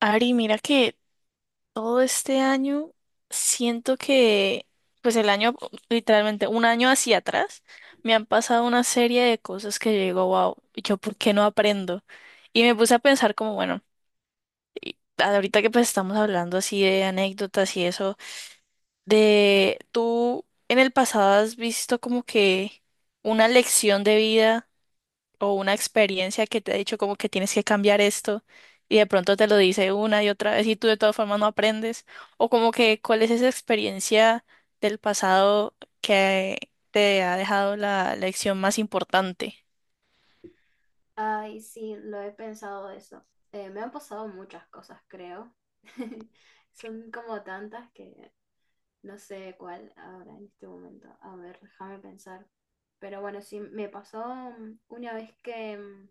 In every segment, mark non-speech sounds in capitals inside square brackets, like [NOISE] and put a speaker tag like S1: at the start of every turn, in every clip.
S1: Ari, mira que todo este año siento que, pues el año, literalmente un año hacia atrás, me han pasado una serie de cosas que yo digo, wow, ¿yo por qué no aprendo? Y me puse a pensar como, bueno, ahorita que pues estamos hablando así de anécdotas y eso, de tú en el pasado has visto como que una lección de vida o una experiencia que te ha dicho como que tienes que cambiar esto y de pronto te lo dice una y otra vez y tú de todas formas no aprendes, o como que cuál es esa experiencia del pasado que te ha dejado la lección más importante.
S2: Ay, sí, lo he pensado eso. Me han pasado muchas cosas, creo. [LAUGHS] Son como tantas que no sé cuál ahora en este momento. A ver, déjame pensar. Pero bueno, sí, me pasó una vez que,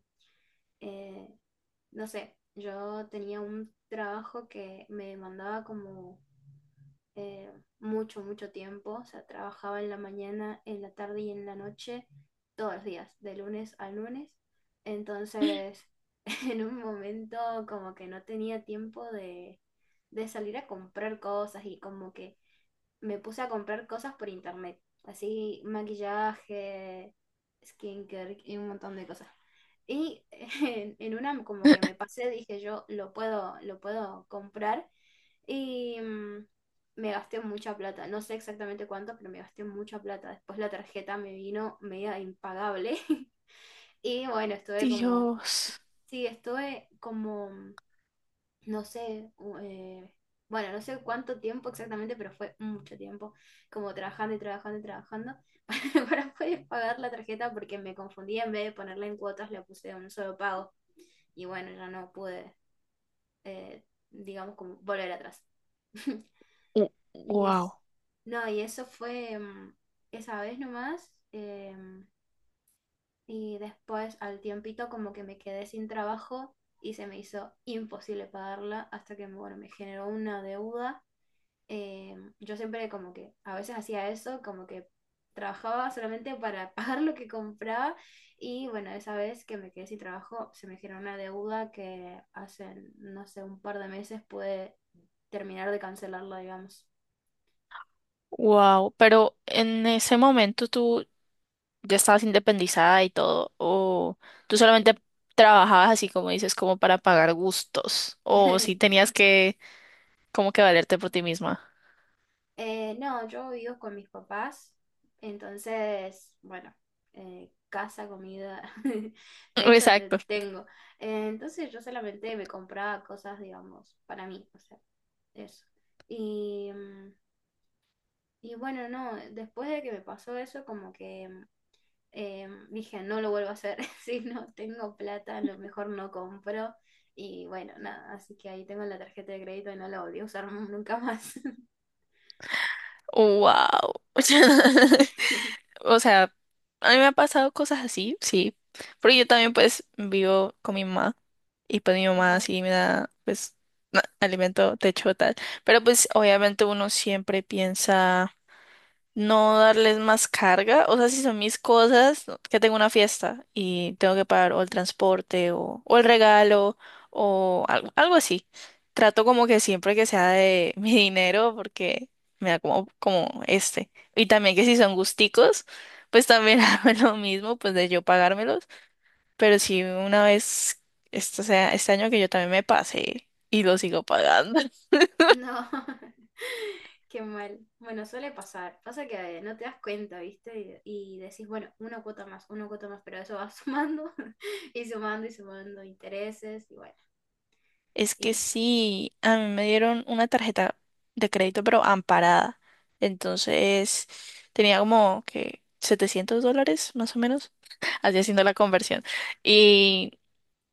S2: eh, no sé, yo tenía un trabajo que me mandaba como eh, mucho, mucho tiempo. O sea, trabajaba en la mañana, en la tarde y en la noche, todos los días, de lunes a lunes. Entonces, [LAUGHS] en un momento como que no tenía tiempo de salir a comprar cosas y como que me puse a comprar cosas por internet. Así, maquillaje, skincare y un montón de cosas. Y [LAUGHS] en una como que me pasé, dije yo, lo puedo comprar. Y me gasté mucha plata. No sé exactamente cuánto, pero me gasté mucha plata. Después la tarjeta me vino media impagable. [LAUGHS] Y bueno, estuve como,
S1: Dios,
S2: sí, estuve como no sé, bueno, no sé cuánto tiempo exactamente, pero fue mucho tiempo, como trabajando y trabajando y trabajando [LAUGHS] para, para poder pagar la tarjeta porque me confundí, en vez de ponerla en cuotas, la puse de un solo pago y bueno, ya no pude, eh, digamos, como volver atrás. [LAUGHS] Y
S1: wow,
S2: es, no, y eso fue esa vez nomás. Y después al tiempito como que me quedé sin trabajo y se me hizo imposible pagarla hasta que, bueno, me generó una deuda. eh, yo siempre como que a veces hacía eso, como que trabajaba solamente para [LAUGHS] pagar lo que compraba y bueno, esa vez que me quedé sin trabajo se me generó una deuda que hace, no sé, un par de meses pude terminar de cancelarla, digamos.
S1: wow, pero en ese momento tú ya estabas independizada y todo, o tú solamente trabajabas así como dices, como para pagar gustos, o si
S2: [LAUGHS]
S1: tenías que como que valerte por ti misma.
S2: No, yo vivo con mis papás, entonces, bueno, casa, comida, [LAUGHS] de hecho
S1: Exacto.
S2: tengo. Entonces yo solamente me compraba cosas, digamos, para mí, o sea, eso. Y, y bueno, no, después de que me pasó eso, como que dije, no lo vuelvo a hacer, [LAUGHS] si no tengo plata, a lo mejor no compro. Y bueno, nada, así que ahí tengo la tarjeta de crédito y no la volví a usar nunca más.
S1: Wow. [LAUGHS]
S2: [LAUGHS]
S1: O sea, a mí me ha pasado cosas así, sí. Pero yo también pues vivo con mi mamá y pues mi mamá
S2: Ajá.
S1: sí me da pues na- alimento, techo, tal. Pero pues obviamente uno siempre piensa no darles más carga. O sea, si son mis cosas, no- que tengo una fiesta y tengo que pagar o el transporte o el regalo o algo, algo así. Trato como que siempre que sea de [LAUGHS] mi dinero porque me da como, como este. Y también que si son gusticos, pues también [LAUGHS] hago lo mismo, pues de yo pagármelos. Pero si una vez, esto sea, este año que yo también me pasé y lo sigo pagando.
S2: No, [LAUGHS] qué mal. Bueno, suele pasar. Pasa que no te das cuenta, ¿viste? Y decís, bueno, una cuota más, pero eso va [LAUGHS] sumando [LAUGHS] y sumando intereses y bueno,
S1: Es que
S2: y
S1: sí, a mí me dieron una tarjeta de crédito, pero amparada. Entonces tenía como que $700, más o menos, [LAUGHS] así haciendo la conversión. Y,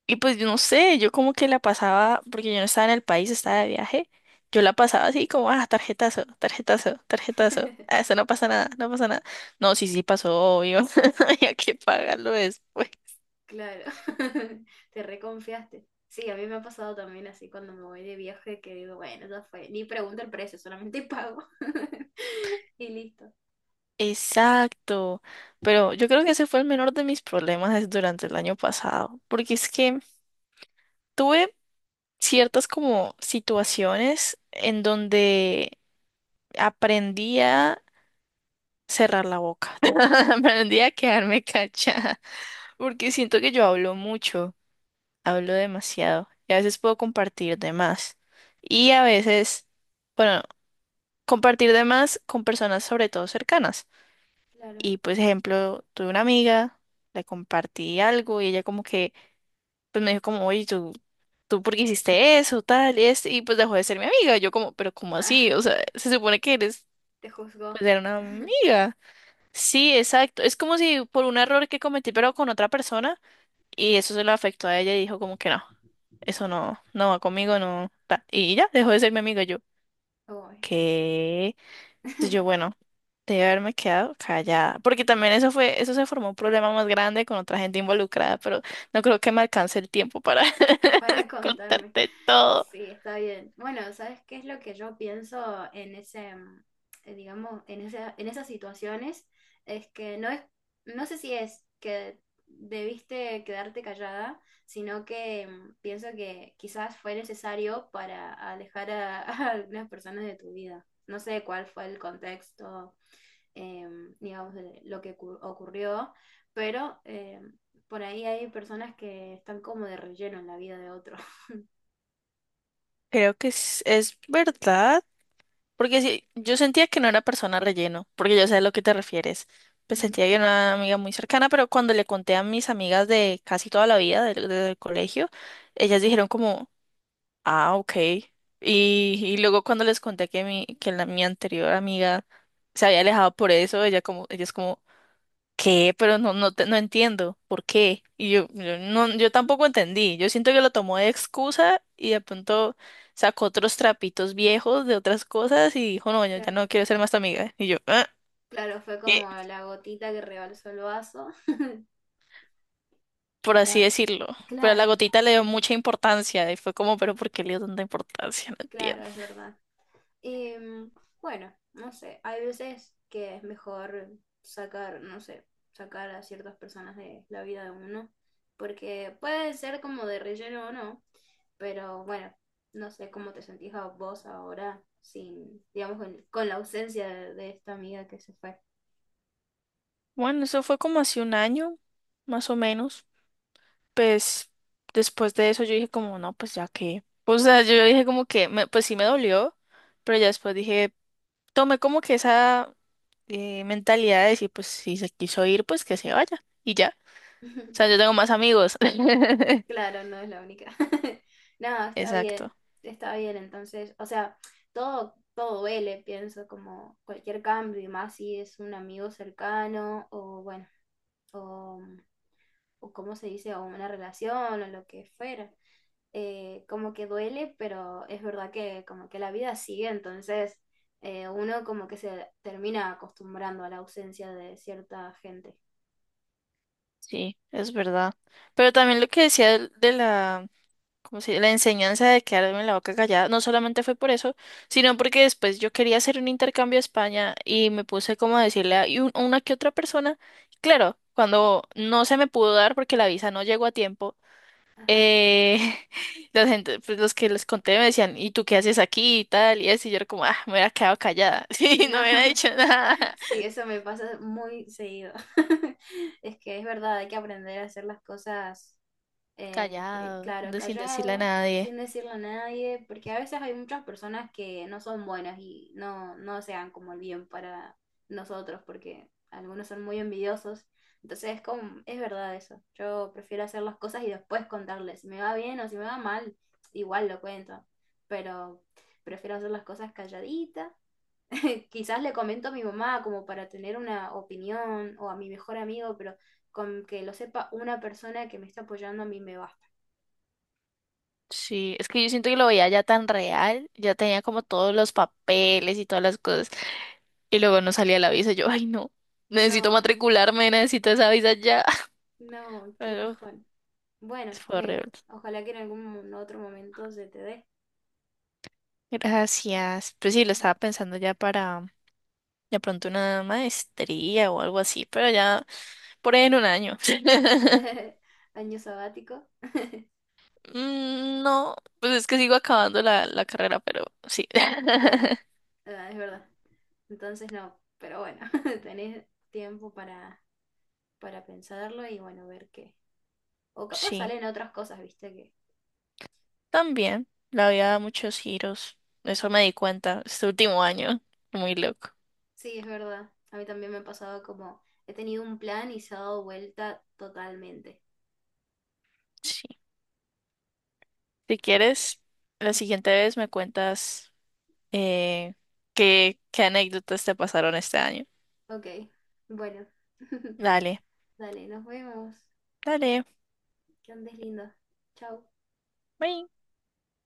S1: y pues yo no sé, yo como que la pasaba, porque yo no estaba en el país, estaba de viaje, yo la pasaba así como, ah, tarjetazo, tarjetazo, tarjetazo. Ah,
S2: [LAUGHS]
S1: eso no pasa nada, no pasa nada. No, sí, sí pasó, obvio, [LAUGHS] había que pagarlo después.
S2: claro, [LAUGHS] te reconfiaste. Sí, a mí me ha pasado también así cuando me voy de viaje que digo, bueno, ya fue, ni pregunto el precio, solamente pago [LAUGHS] y listo.
S1: Exacto, pero yo creo que ese fue el menor de mis problemas es durante el año pasado, porque es que tuve ciertas como situaciones en donde aprendí a cerrar la boca, [LAUGHS] aprendí a quedarme callada, porque siento que yo hablo mucho, hablo demasiado, y a veces puedo compartir de más, y a veces, bueno, compartir de más con personas sobre todo cercanas.
S2: Claro,
S1: Y pues, ejemplo, tuve una amiga, le compartí algo y ella como que, pues me dijo como, oye, tú por qué hiciste eso, tal, y este, y pues dejó de ser mi amiga. Yo como, pero ¿cómo
S2: ah,
S1: así? O sea, se supone que eres,
S2: te juzgó.
S1: pues era una
S2: [LAUGHS]
S1: amiga. Sí, exacto. Es como si por un error que cometí, pero con otra persona, y eso se lo afectó a ella y dijo como que no, eso no, no va conmigo, no, tal. Y ya, dejó de ser mi amiga yo.
S2: Uy.
S1: ¿Qué? Entonces yo,
S2: [LAUGHS]
S1: bueno, debe haberme quedado callada, porque también eso fue, eso se formó un problema más grande con otra gente involucrada, pero no creo que me alcance el tiempo para
S2: Para
S1: [LAUGHS]
S2: contarme.
S1: contarte todo.
S2: Sí, está bien. Bueno, ¿sabes qué es lo que yo pienso en ese, digamos, en en esas situaciones? Es que no es, no sé si es que debiste quedarte callada, sino que pienso que quizás fue necesario para alejar [LAUGHS] a algunas personas de tu vida. No sé cuál fue el contexto, digamos, de lo que ocurrió, pero por ahí hay personas que están como de relleno en la vida de otros.
S1: Creo que es verdad, porque sí, yo sentía que no era persona relleno, porque yo sé a lo que te refieres. Pues
S2: Ujú,
S1: sentía que era una amiga muy cercana, pero cuando le conté a mis amigas de casi toda la vida del, del colegio, ellas dijeron como, ah, ok. Y luego cuando les conté que mi, que la, mi anterior amiga se había alejado por eso, ella como, ella es como, ¿qué? Pero no, no, te- no entiendo, ¿por qué? Y yo, yo tampoco entendí. Yo siento que lo tomó de excusa y de pronto sacó otros trapitos viejos de otras cosas y dijo, no, yo ya
S2: claro,
S1: no quiero ser más tu amiga. Y yo, "Ah,
S2: claro, fue
S1: ¿qué?",
S2: como la gotita que rebalsó el vaso.
S1: por
S2: Pero
S1: así decirlo. Pero la
S2: claro,
S1: gotita le dio mucha importancia y fue como, pero ¿por qué le dio tanta importancia? No entiendo.
S2: claro, es verdad. Em, bueno, no sé, hay veces que es mejor sacar, no sé, sacar a ciertas personas de la vida de uno, porque puede ser como de relleno o no, pero bueno, no sé cómo te sentís a vos ahora sin, digamos, con la ausencia de esta amiga que se fue.
S1: Bueno, eso fue como hace un año, más o menos. Pues después de eso yo dije como, no, pues ya que, o sea, yo dije como que, me- pues sí me dolió, pero ya después dije, tomé como que esa mentalidad de decir, pues si se quiso ir, pues que se vaya, y ya, o sea,
S2: [LAUGHS]
S1: yo tengo más amigos. [LAUGHS]
S2: Claro, no es la única. [LAUGHS] No, está bien,
S1: Exacto,
S2: está bien. Entonces, o sea, todo, todo duele, pienso, como cualquier cambio, y más si es un amigo cercano, o bueno, o, o cómo se dice, o una relación, o lo que fuera. Como que duele, pero es verdad que como que la vida sigue, entonces uno como que se termina acostumbrando a la ausencia de cierta gente.
S1: sí, es verdad. Pero también lo que decía del- de, la, como si la enseñanza de quedarme en la boca callada, no solamente fue por eso, sino porque después yo quería hacer un intercambio a España y me puse como a decirle a y un- a una que otra persona, claro, cuando no se me pudo dar porque la visa no llegó a tiempo,
S2: Ajá.
S1: eh, [LAUGHS] la gente, pues los que les conté me decían, ¿y tú qué haces aquí y tal? Y así yo era como, ah, me hubiera quedado callada, [LAUGHS] sí,
S2: No.
S1: no me hubiera
S2: [LAUGHS]
S1: dicho nada,
S2: Sí, eso me pasa muy seguido. [LAUGHS] Es que es verdad, hay que aprender a hacer las cosas,
S1: callado,
S2: claro,
S1: de- sin decirle a
S2: callado,
S1: nadie.
S2: sin decirle a nadie, porque a veces hay muchas personas que no son buenas y no, no sean como el bien para nosotros, porque algunos son muy envidiosos. Entonces es como, es verdad eso. Yo prefiero hacer las cosas y después contarles. Si me va bien o si me va mal, igual lo cuento, pero prefiero hacer las cosas calladita. [LAUGHS] Quizás le comento a mi mamá como para tener una opinión o a mi mejor amigo, pero con que lo sepa una persona que me está apoyando a mí me basta.
S1: Sí, es que yo siento que lo veía ya tan real, ya tenía como todos los papeles y todas las cosas. Y luego no salía la visa. Yo, ay, no, necesito
S2: No,
S1: matricularme, necesito esa visa ya. [LAUGHS]
S2: no, qué
S1: Pero
S2: bajón. Bueno,
S1: pues, fue horrible.
S2: ojalá que en algún otro momento se te dé.
S1: Gracias. Pues sí, lo estaba pensando ya para de pronto una maestría o algo así, pero ya por ahí en un año. [LAUGHS]
S2: [LAUGHS] Año sabático,
S1: Mm, no, pues es que sigo acabando la carrera, pero sí. [LAUGHS]
S2: claro, ah, es verdad. Entonces no, pero bueno, [LAUGHS] tenés tiempo para pensarlo y bueno, ver qué. O capaz
S1: Sí,
S2: salen otras cosas, viste,
S1: también. La vida da muchos giros. Eso me di cuenta este último año. Muy loco.
S2: sí, es verdad. A mí también me ha pasado como he tenido un plan y se ha dado vuelta totalmente.
S1: Sí. Si quieres, la siguiente vez me cuentas. eh, qué, qué anécdotas te pasaron este año.
S2: Ok, bueno. [LAUGHS]
S1: Dale,
S2: Dale, nos vemos.
S1: dale.
S2: Que andes lindo. Chau.
S1: Bye.